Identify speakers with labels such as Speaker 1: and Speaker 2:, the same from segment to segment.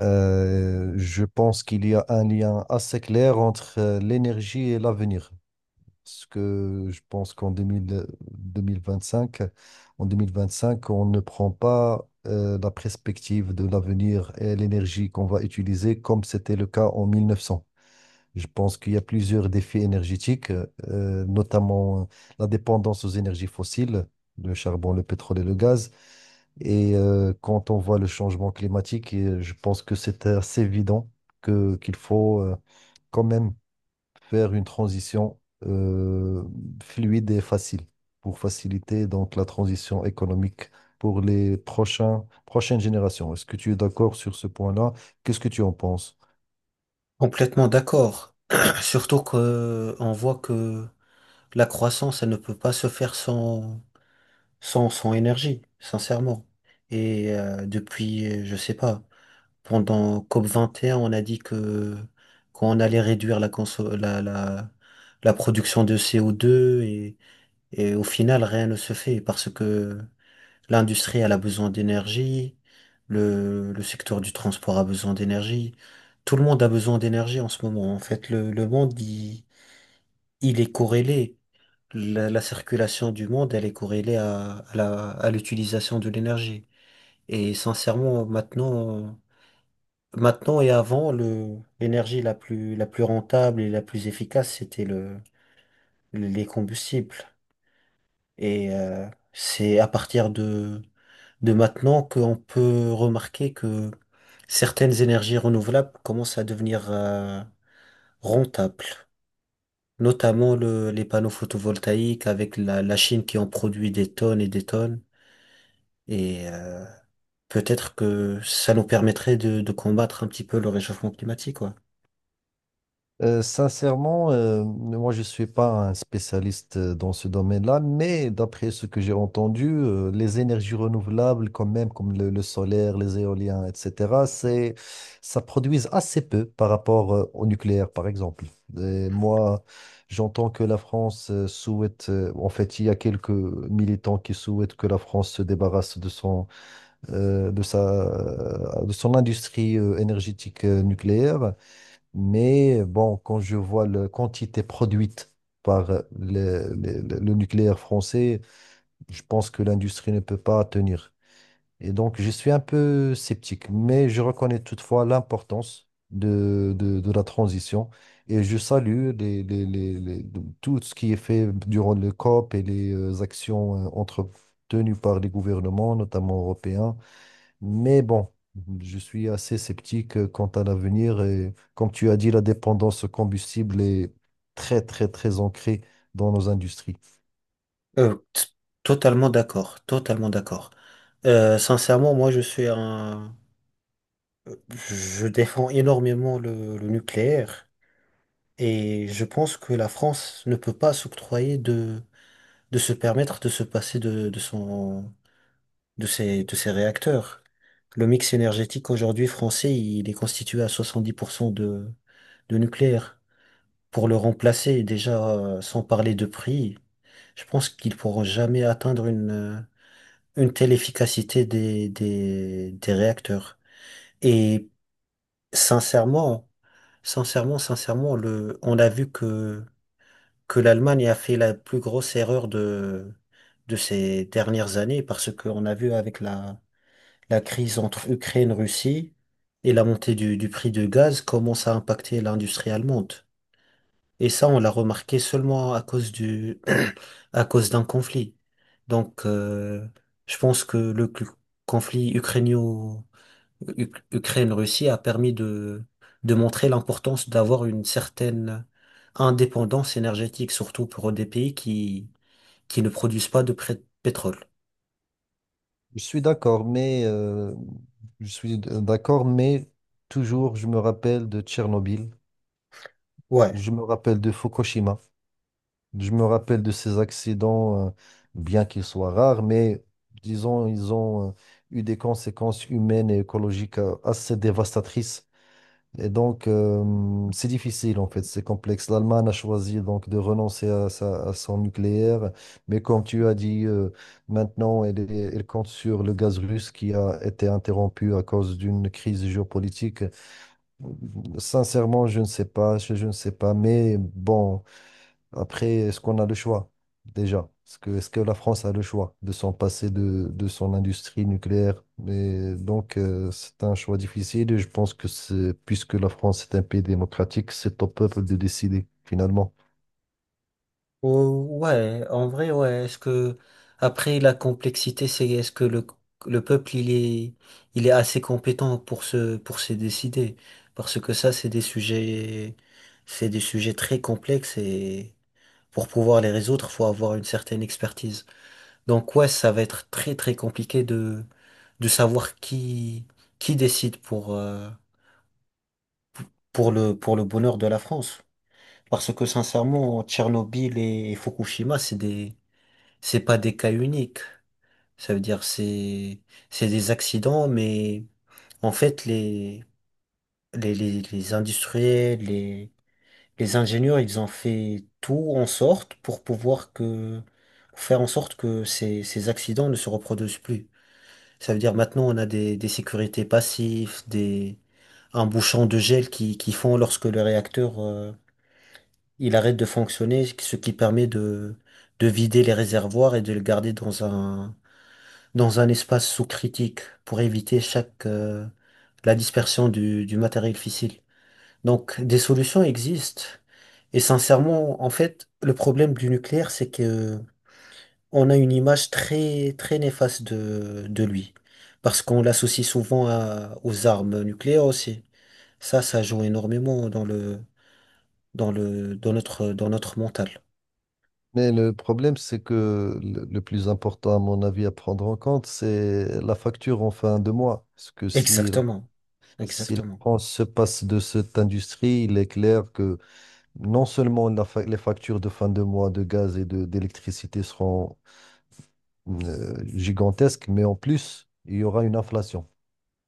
Speaker 1: Je pense qu'il y a un lien assez clair entre l'énergie et l'avenir. Parce que je pense qu'en deux mille vingt-cinq, en 2025, on ne prend pas la perspective de l'avenir et l'énergie qu'on va utiliser comme c'était le cas en 1900. Je pense qu'il y a plusieurs défis énergétiques, notamment la dépendance aux énergies fossiles, le charbon, le pétrole et le gaz et quand on voit le changement climatique, et je pense que c'est assez évident que qu'il faut quand même faire une transition euh, fluide et facile pour faciliter donc la transition économique pour les prochaines générations. Est-ce que tu es d'accord sur ce point-là? Qu'est-ce que tu en penses?
Speaker 2: Complètement d'accord. Surtout que on voit que la croissance, elle ne peut pas se faire sans énergie, sincèrement. Et depuis, je sais pas, pendant COP21, on a dit que qu'on allait réduire la, conso- la production de CO2 et au final, rien ne se fait parce que l'industrie, elle a besoin d'énergie. Le secteur du transport a besoin d'énergie. Tout le monde a besoin d'énergie en ce moment. En fait, le monde, il est corrélé. La circulation du monde, elle est corrélée à l'utilisation de l'énergie. Et sincèrement, maintenant et avant, l'énergie la plus rentable et la plus efficace, c'était les combustibles. Et c'est à partir de maintenant qu'on peut remarquer que certaines énergies renouvelables commencent à devenir rentables, notamment les panneaux photovoltaïques avec la Chine qui en produit des tonnes. Et peut-être que ça nous permettrait de combattre un petit peu le réchauffement climatique, quoi.
Speaker 1: Sincèrement, moi je suis pas un spécialiste dans ce domaine-là, mais d'après ce que j'ai entendu, les énergies renouvelables quand même, comme le solaire, les éoliens, etc., ça produise assez peu par rapport au nucléaire, par exemple. Et moi, j'entends que la France souhaite, en fait, il y a quelques militants qui souhaitent que la France se débarrasse de euh, de sa, son industrie énergétique nucléaire. Mais bon, quand je vois la quantité produite par le nucléaire français, je pense que l'industrie ne peut pas tenir. Et donc, je suis un peu sceptique, mais je reconnais toutefois l'importance de la transition et je salue tout ce qui est fait durant le COP et les actions entretenues par les gouvernements, notamment européens, mais bon, je suis assez sceptique quant à l'avenir et comme tu as dit, la dépendance au combustible est très, très, très ancrée dans nos industries.
Speaker 2: Euh, t- Totalement d'accord, totalement d'accord. Sincèrement, moi, je suis un... Je défends énormément le nucléaire. Et je pense que la France ne peut pas s'octroyer de se permettre de se passer de ses réacteurs. Le mix énergétique aujourd'hui français, il est constitué à 70% de nucléaire. Pour le remplacer, déjà, sans parler de prix, je pense qu'ils pourront jamais atteindre une telle efficacité des réacteurs. Et sincèrement, sincèrement, on a vu que l'Allemagne a fait la plus grosse erreur de ces dernières années parce qu'on a vu avec la crise entre Ukraine-Russie et la montée du prix du gaz comment ça a impacté l'industrie allemande. Et ça, on l'a remarqué seulement à cause d'un conflit. Donc, je pense que conflit ukrainien Ukraine-Russie a permis de montrer l'importance d'avoir une certaine indépendance énergétique, surtout pour des pays qui ne produisent pas de pétrole.
Speaker 1: Je suis d'accord, mais je suis d- d'accord, mais toujours je me rappelle de Tchernobyl,
Speaker 2: Ouais.
Speaker 1: je me rappelle de Fukushima, je me rappelle de ces accidents, bien qu'ils soient rares, mais disons, ils ont eu des conséquences humaines et écologiques assez dévastatrices. Et donc, c'est difficile en fait, c'est complexe. L'Allemagne a choisi donc de renoncer à son nucléaire, mais comme tu as dit, maintenant elle compte sur le gaz russe qui a été interrompu à cause d'une crise géopolitique. Sincèrement, je ne sais pas, je ne sais pas, mais bon. Après, est-ce qu'on a le choix déjà? Est-ce que la France a le choix de s'en passer de son industrie nucléaire? Mais donc, c'est un choix difficile et je pense que puisque la France est un pays démocratique, c'est au peuple de décider finalement.
Speaker 2: Oh, ouais, en vrai, ouais. Après, la complexité, c'est est-ce que le peuple, il est assez compétent pour pour se décider? Parce que ça, c'est des sujets très complexes et pour pouvoir les résoudre, faut avoir une certaine expertise. Donc ouais, ça va être très très compliqué de savoir qui décide pour le bonheur de la France. Parce que sincèrement, Tchernobyl et Fukushima, c'est pas des cas uniques. Ça veut dire c'est des accidents, mais en fait les industriels, les ingénieurs, ils ont fait tout en sorte pour pouvoir que faire en sorte que ces accidents ne se reproduisent plus. Ça veut dire maintenant on a des sécurités passives, un bouchon de gel qui fond lorsque le réacteur il arrête de fonctionner, ce qui permet de vider les réservoirs et de le garder dans un espace sous-critique pour éviter la dispersion du matériel fissile. Donc des solutions existent. Et sincèrement, en fait, le problème du nucléaire, c'est que on a une image très, très néfaste de lui. Parce qu'on l'associe souvent aux armes nucléaires aussi. Ça joue énormément dans notre mental.
Speaker 1: Mais le problème, c'est que le plus important, à mon avis, à prendre en compte, c'est la facture en fin de mois. Parce que
Speaker 2: Exactement.
Speaker 1: si la
Speaker 2: Exactement.
Speaker 1: France se passe de cette industrie, il est clair que non seulement les factures de fin de mois de gaz et de d'électricité seront gigantesques, mais en plus, il y aura une inflation.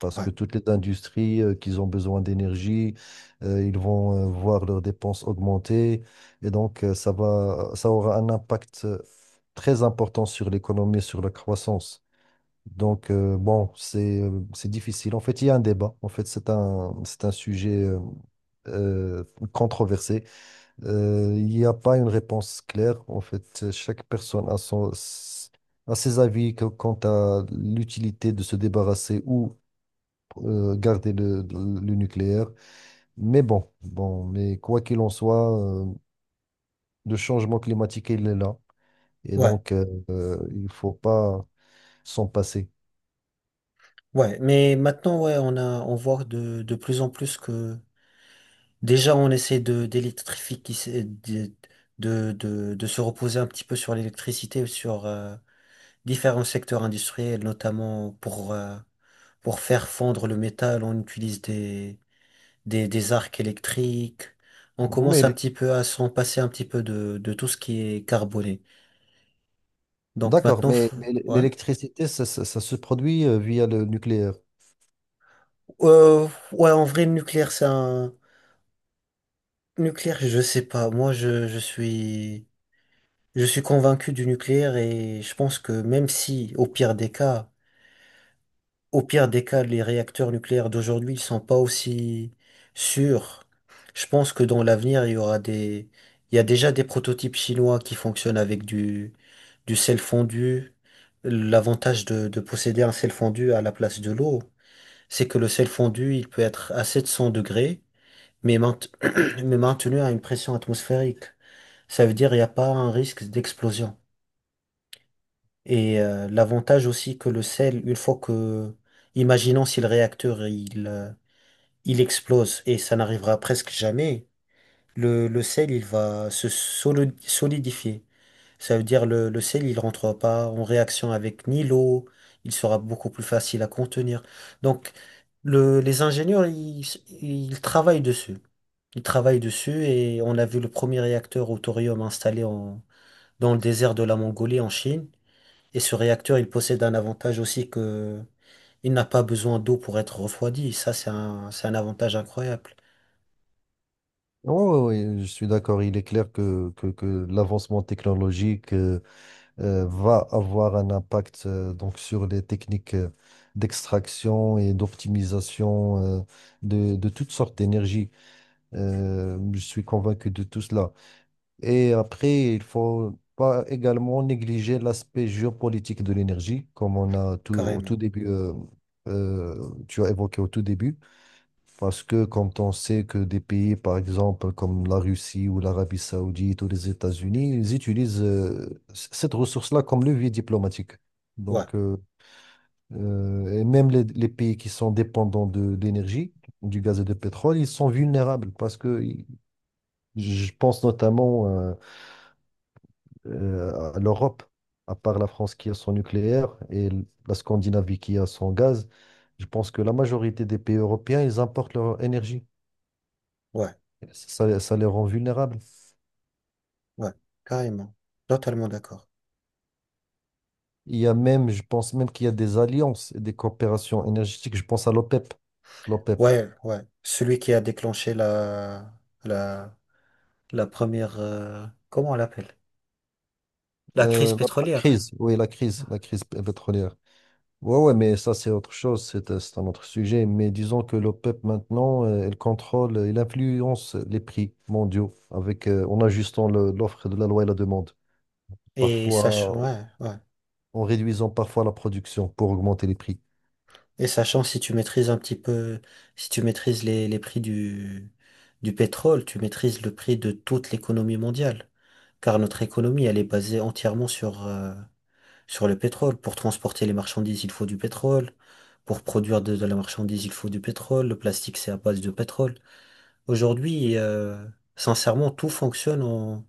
Speaker 1: Parce que
Speaker 2: Ouais.
Speaker 1: toutes les industries qui ont besoin d'énergie, ils vont voir leurs dépenses augmenter. Et donc, ça aura un impact très important sur l'économie, sur la croissance. Donc, c'est difficile. En fait, il y a un débat. En fait, c'est un sujet euh, controversé. Il n'y a pas une réponse claire. En fait, chaque personne a a ses avis quant à l'utilité de se débarrasser ou garder le nucléaire. Mais quoi qu'il en soit, le changement climatique, il est là. Et
Speaker 2: Ouais.
Speaker 1: donc, il faut pas s'en passer.
Speaker 2: Ouais. Mais maintenant, ouais, on voit de plus en plus que, déjà, on essaie d'électrifier, qui s'est- de se reposer un petit peu sur l'électricité, différents secteurs industriels, notamment pour faire fondre le métal, on utilise des arcs électriques. On commence
Speaker 1: Mais,
Speaker 2: un
Speaker 1: l'é-
Speaker 2: petit peu à s'en passer un petit peu de tout ce qui est carboné. Donc
Speaker 1: d'accord,
Speaker 2: maintenant,
Speaker 1: mais
Speaker 2: ouais.
Speaker 1: l'électricité, ça se produit via le nucléaire.
Speaker 2: Euh, ouais, en vrai, le nucléaire, c'est un... Nucléaire, je sais pas. Moi, je suis... Je suis convaincu du nucléaire et je pense que même si, au pire des cas, les réacteurs nucléaires d'aujourd'hui ne sont pas aussi sûrs. Je pense que dans l'avenir, il y aura des... Il y a déjà des prototypes chinois qui fonctionnent avec du sel fondu. L'avantage de posséder un sel fondu à la place de l'eau, c'est que le sel fondu, il peut être à 700 degrés, mais, mais maintenu à une pression atmosphérique. Ça veut dire qu'il n'y a pas un risque d'explosion. Et l'avantage aussi que le sel, une fois que... Imaginons si le réacteur, il explose et ça n'arrivera presque jamais, le sel, il va se solidifier. Ça veut dire le sel, il rentre pas en réaction avec ni l'eau, il sera beaucoup plus facile à contenir. Donc, les ingénieurs, ils travaillent dessus. Ils travaillent dessus et on a vu le premier réacteur au thorium installé dans le désert de la Mongolie en Chine. Et ce réacteur, il possède un avantage aussi que il n'a pas besoin d'eau pour être refroidi. Ça, c'est un avantage incroyable.
Speaker 1: Oui, oui, oui, je suis d'accord. Il est clair que l'avancement technologique va avoir un impact donc sur les techniques d'extraction et d'optimisation de toutes sortes d'énergie. Je suis convaincu de tout cela. Et après, il faut pas également négliger l'aspect géopolitique de l'énergie, comme on a tout, au tout
Speaker 2: Carrément.
Speaker 1: début, tu as évoqué au tout début. Parce que quand on sait que des pays, par exemple, comme la Russie ou l'Arabie Saoudite ou les États-Unis, ils utilisent cette ressource-là comme levier diplomatique.
Speaker 2: Ouais,
Speaker 1: Donc, et même les pays qui sont dépendants de d'énergie, du gaz et du pétrole, ils sont vulnérables je pense notamment à l'Europe, à part la France qui a son nucléaire et la Scandinavie qui a son gaz. Je pense que la majorité des pays européens, ils importent leur énergie.
Speaker 2: ouais,
Speaker 1: Ça les rend vulnérables.
Speaker 2: ouais, carrément. Totalement d'accord.
Speaker 1: Il y a même, je pense même qu'il y a des alliances et des coopérations énergétiques. Je pense à l'OPEP. L'OPEP.
Speaker 2: Ouais, ouais. Celui qui a déclenché la, la première, comment on l'appelle? La crise
Speaker 1: La
Speaker 2: pétrolière.
Speaker 1: crise, oui, la crise pétrolière. Ouais, ouais, mais ça, c'est autre chose, c'est un autre sujet. Mais disons que l'OPEP, maintenant, elle contrôle, elle influence les prix mondiaux avec, en ajustant l'offre de la loi et la demande.
Speaker 2: Et sachant,
Speaker 1: Parfois,
Speaker 2: ouais, ouais.
Speaker 1: en réduisant parfois la production pour augmenter les prix.
Speaker 2: Et sachant si tu maîtrises un petit peu, si tu maîtrises les prix du pétrole, tu maîtrises le prix de toute l'économie mondiale. Car notre économie, elle est basée entièrement sur le pétrole, pour transporter les marchandises, il faut du pétrole. Pour produire de la marchandise, il faut du pétrole. Le plastique, c'est à base de pétrole. Aujourd'hui, sincèrement, tout fonctionne en...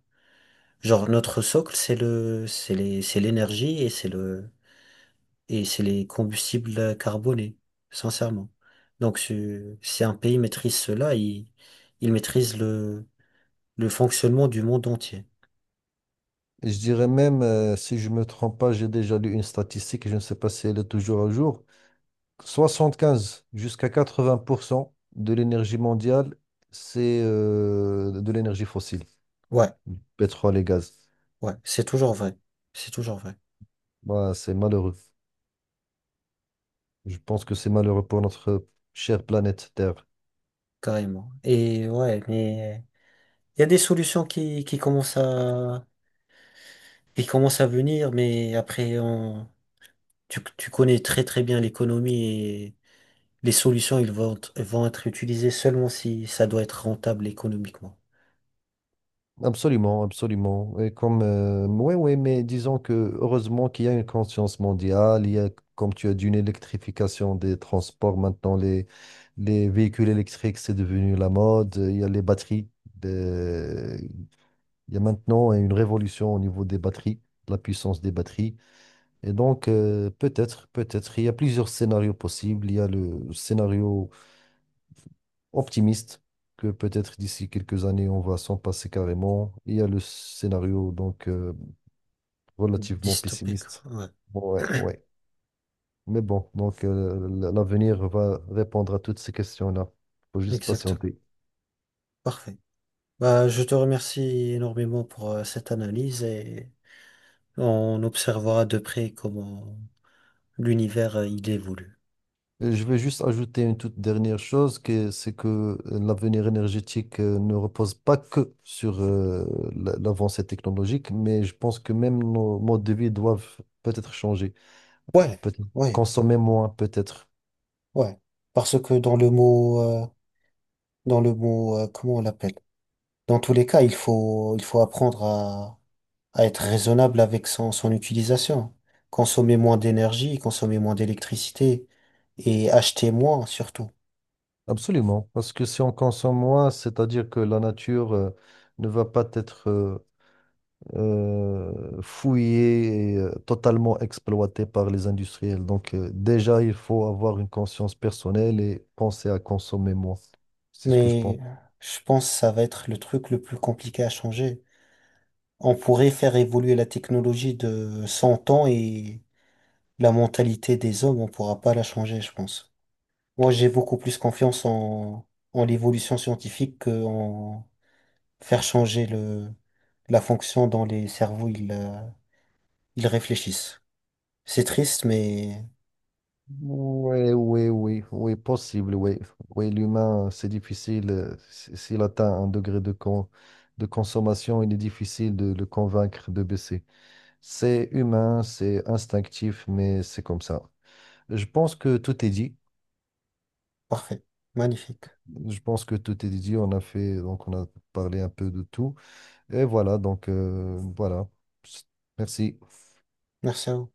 Speaker 2: Genre, notre socle, c'est l'énergie et et c'est les combustibles carbonés, sincèrement. Donc, si un pays maîtrise cela, il maîtrise le fonctionnement du monde entier.
Speaker 1: Je dirais même, si je me trompe pas, j'ai déjà lu une statistique, et je ne sais pas si elle est toujours à jour. 75 jusqu'à 80% de l'énergie mondiale, c'est de l'énergie fossile,
Speaker 2: Ouais,
Speaker 1: pétrole et gaz.
Speaker 2: ouais, c'est toujours vrai. C'est toujours vrai,
Speaker 1: Bah, c'est malheureux. Je pense que c'est malheureux pour notre chère planète Terre.
Speaker 2: carrément. Et ouais, mais... Il y a des solutions qui commencent à venir, mais après, tu connais très très bien l'économie et les solutions, vont être utilisées seulement si ça doit être rentable économiquement.
Speaker 1: Absolument, absolument. Et comme, oui, oui, mais disons que heureusement qu'il y a une conscience mondiale, il y a, comme tu as dit, une électrification des transports. Maintenant, les véhicules électriques, c'est devenu la mode. Il y a les batteries. euh, il y a maintenant une révolution au niveau des batteries, de la puissance des batteries. Et donc, peut-être, il y a plusieurs scénarios possibles. Il y a le scénario optimiste que peut-être d'ici quelques années, on va s'en passer carrément. Il y a le scénario donc relativement
Speaker 2: Dystopique,
Speaker 1: pessimiste.
Speaker 2: ouais,
Speaker 1: Bon, ouais, ouais. Mais bon, donc l'avenir va répondre à toutes ces questions-là. Faut juste
Speaker 2: exactement.
Speaker 1: patienter.
Speaker 2: Parfait. Bah, je te remercie énormément pour cette analyse et on observera de près comment l'univers il évolue.
Speaker 1: Et je vais juste ajouter une toute dernière chose, que c'est que l'avenir énergétique ne repose pas que sur l'avancée technologique, mais je pense que même nos modes de vie doivent peut-être changer,
Speaker 2: Ouais,
Speaker 1: peut-être
Speaker 2: ouais,
Speaker 1: consommer moins, peut-être.
Speaker 2: ouais. Parce que dans le mot, comment on l'appelle? Dans tous les cas, il faut apprendre à être raisonnable avec son utilisation. Consommer moins d'énergie, consommer moins d'électricité et acheter moins surtout.
Speaker 1: Absolument, parce que si on consomme moins, c'est-à-dire que la nature ne va pas être fouillée et totalement exploitée par les industriels. Donc déjà, il faut avoir une conscience personnelle et penser à consommer moins. C'est ce que je
Speaker 2: Mais
Speaker 1: pense.
Speaker 2: je pense que ça va être le truc le plus compliqué à changer. On pourrait faire évoluer la technologie de 100 ans et la mentalité des hommes, on pourra pas la changer, je pense. Moi, j'ai beaucoup plus confiance en l'évolution scientifique qu'en faire changer la fonction dans les cerveaux. Ils réfléchissent. C'est triste, mais
Speaker 1: Oui, oui, oui, oui, possible, oui. Oui, l'humain, c'est difficile. S'il atteint un degré de consommation, il est difficile de le convaincre de baisser. C'est humain, c'est instinctif, mais c'est comme ça. Je pense que tout est dit.
Speaker 2: parfait. Magnifique.
Speaker 1: Je pense que tout est dit. On a fait, donc on a parlé un peu de tout. Et voilà, donc voilà. Merci.
Speaker 2: Merci à vous.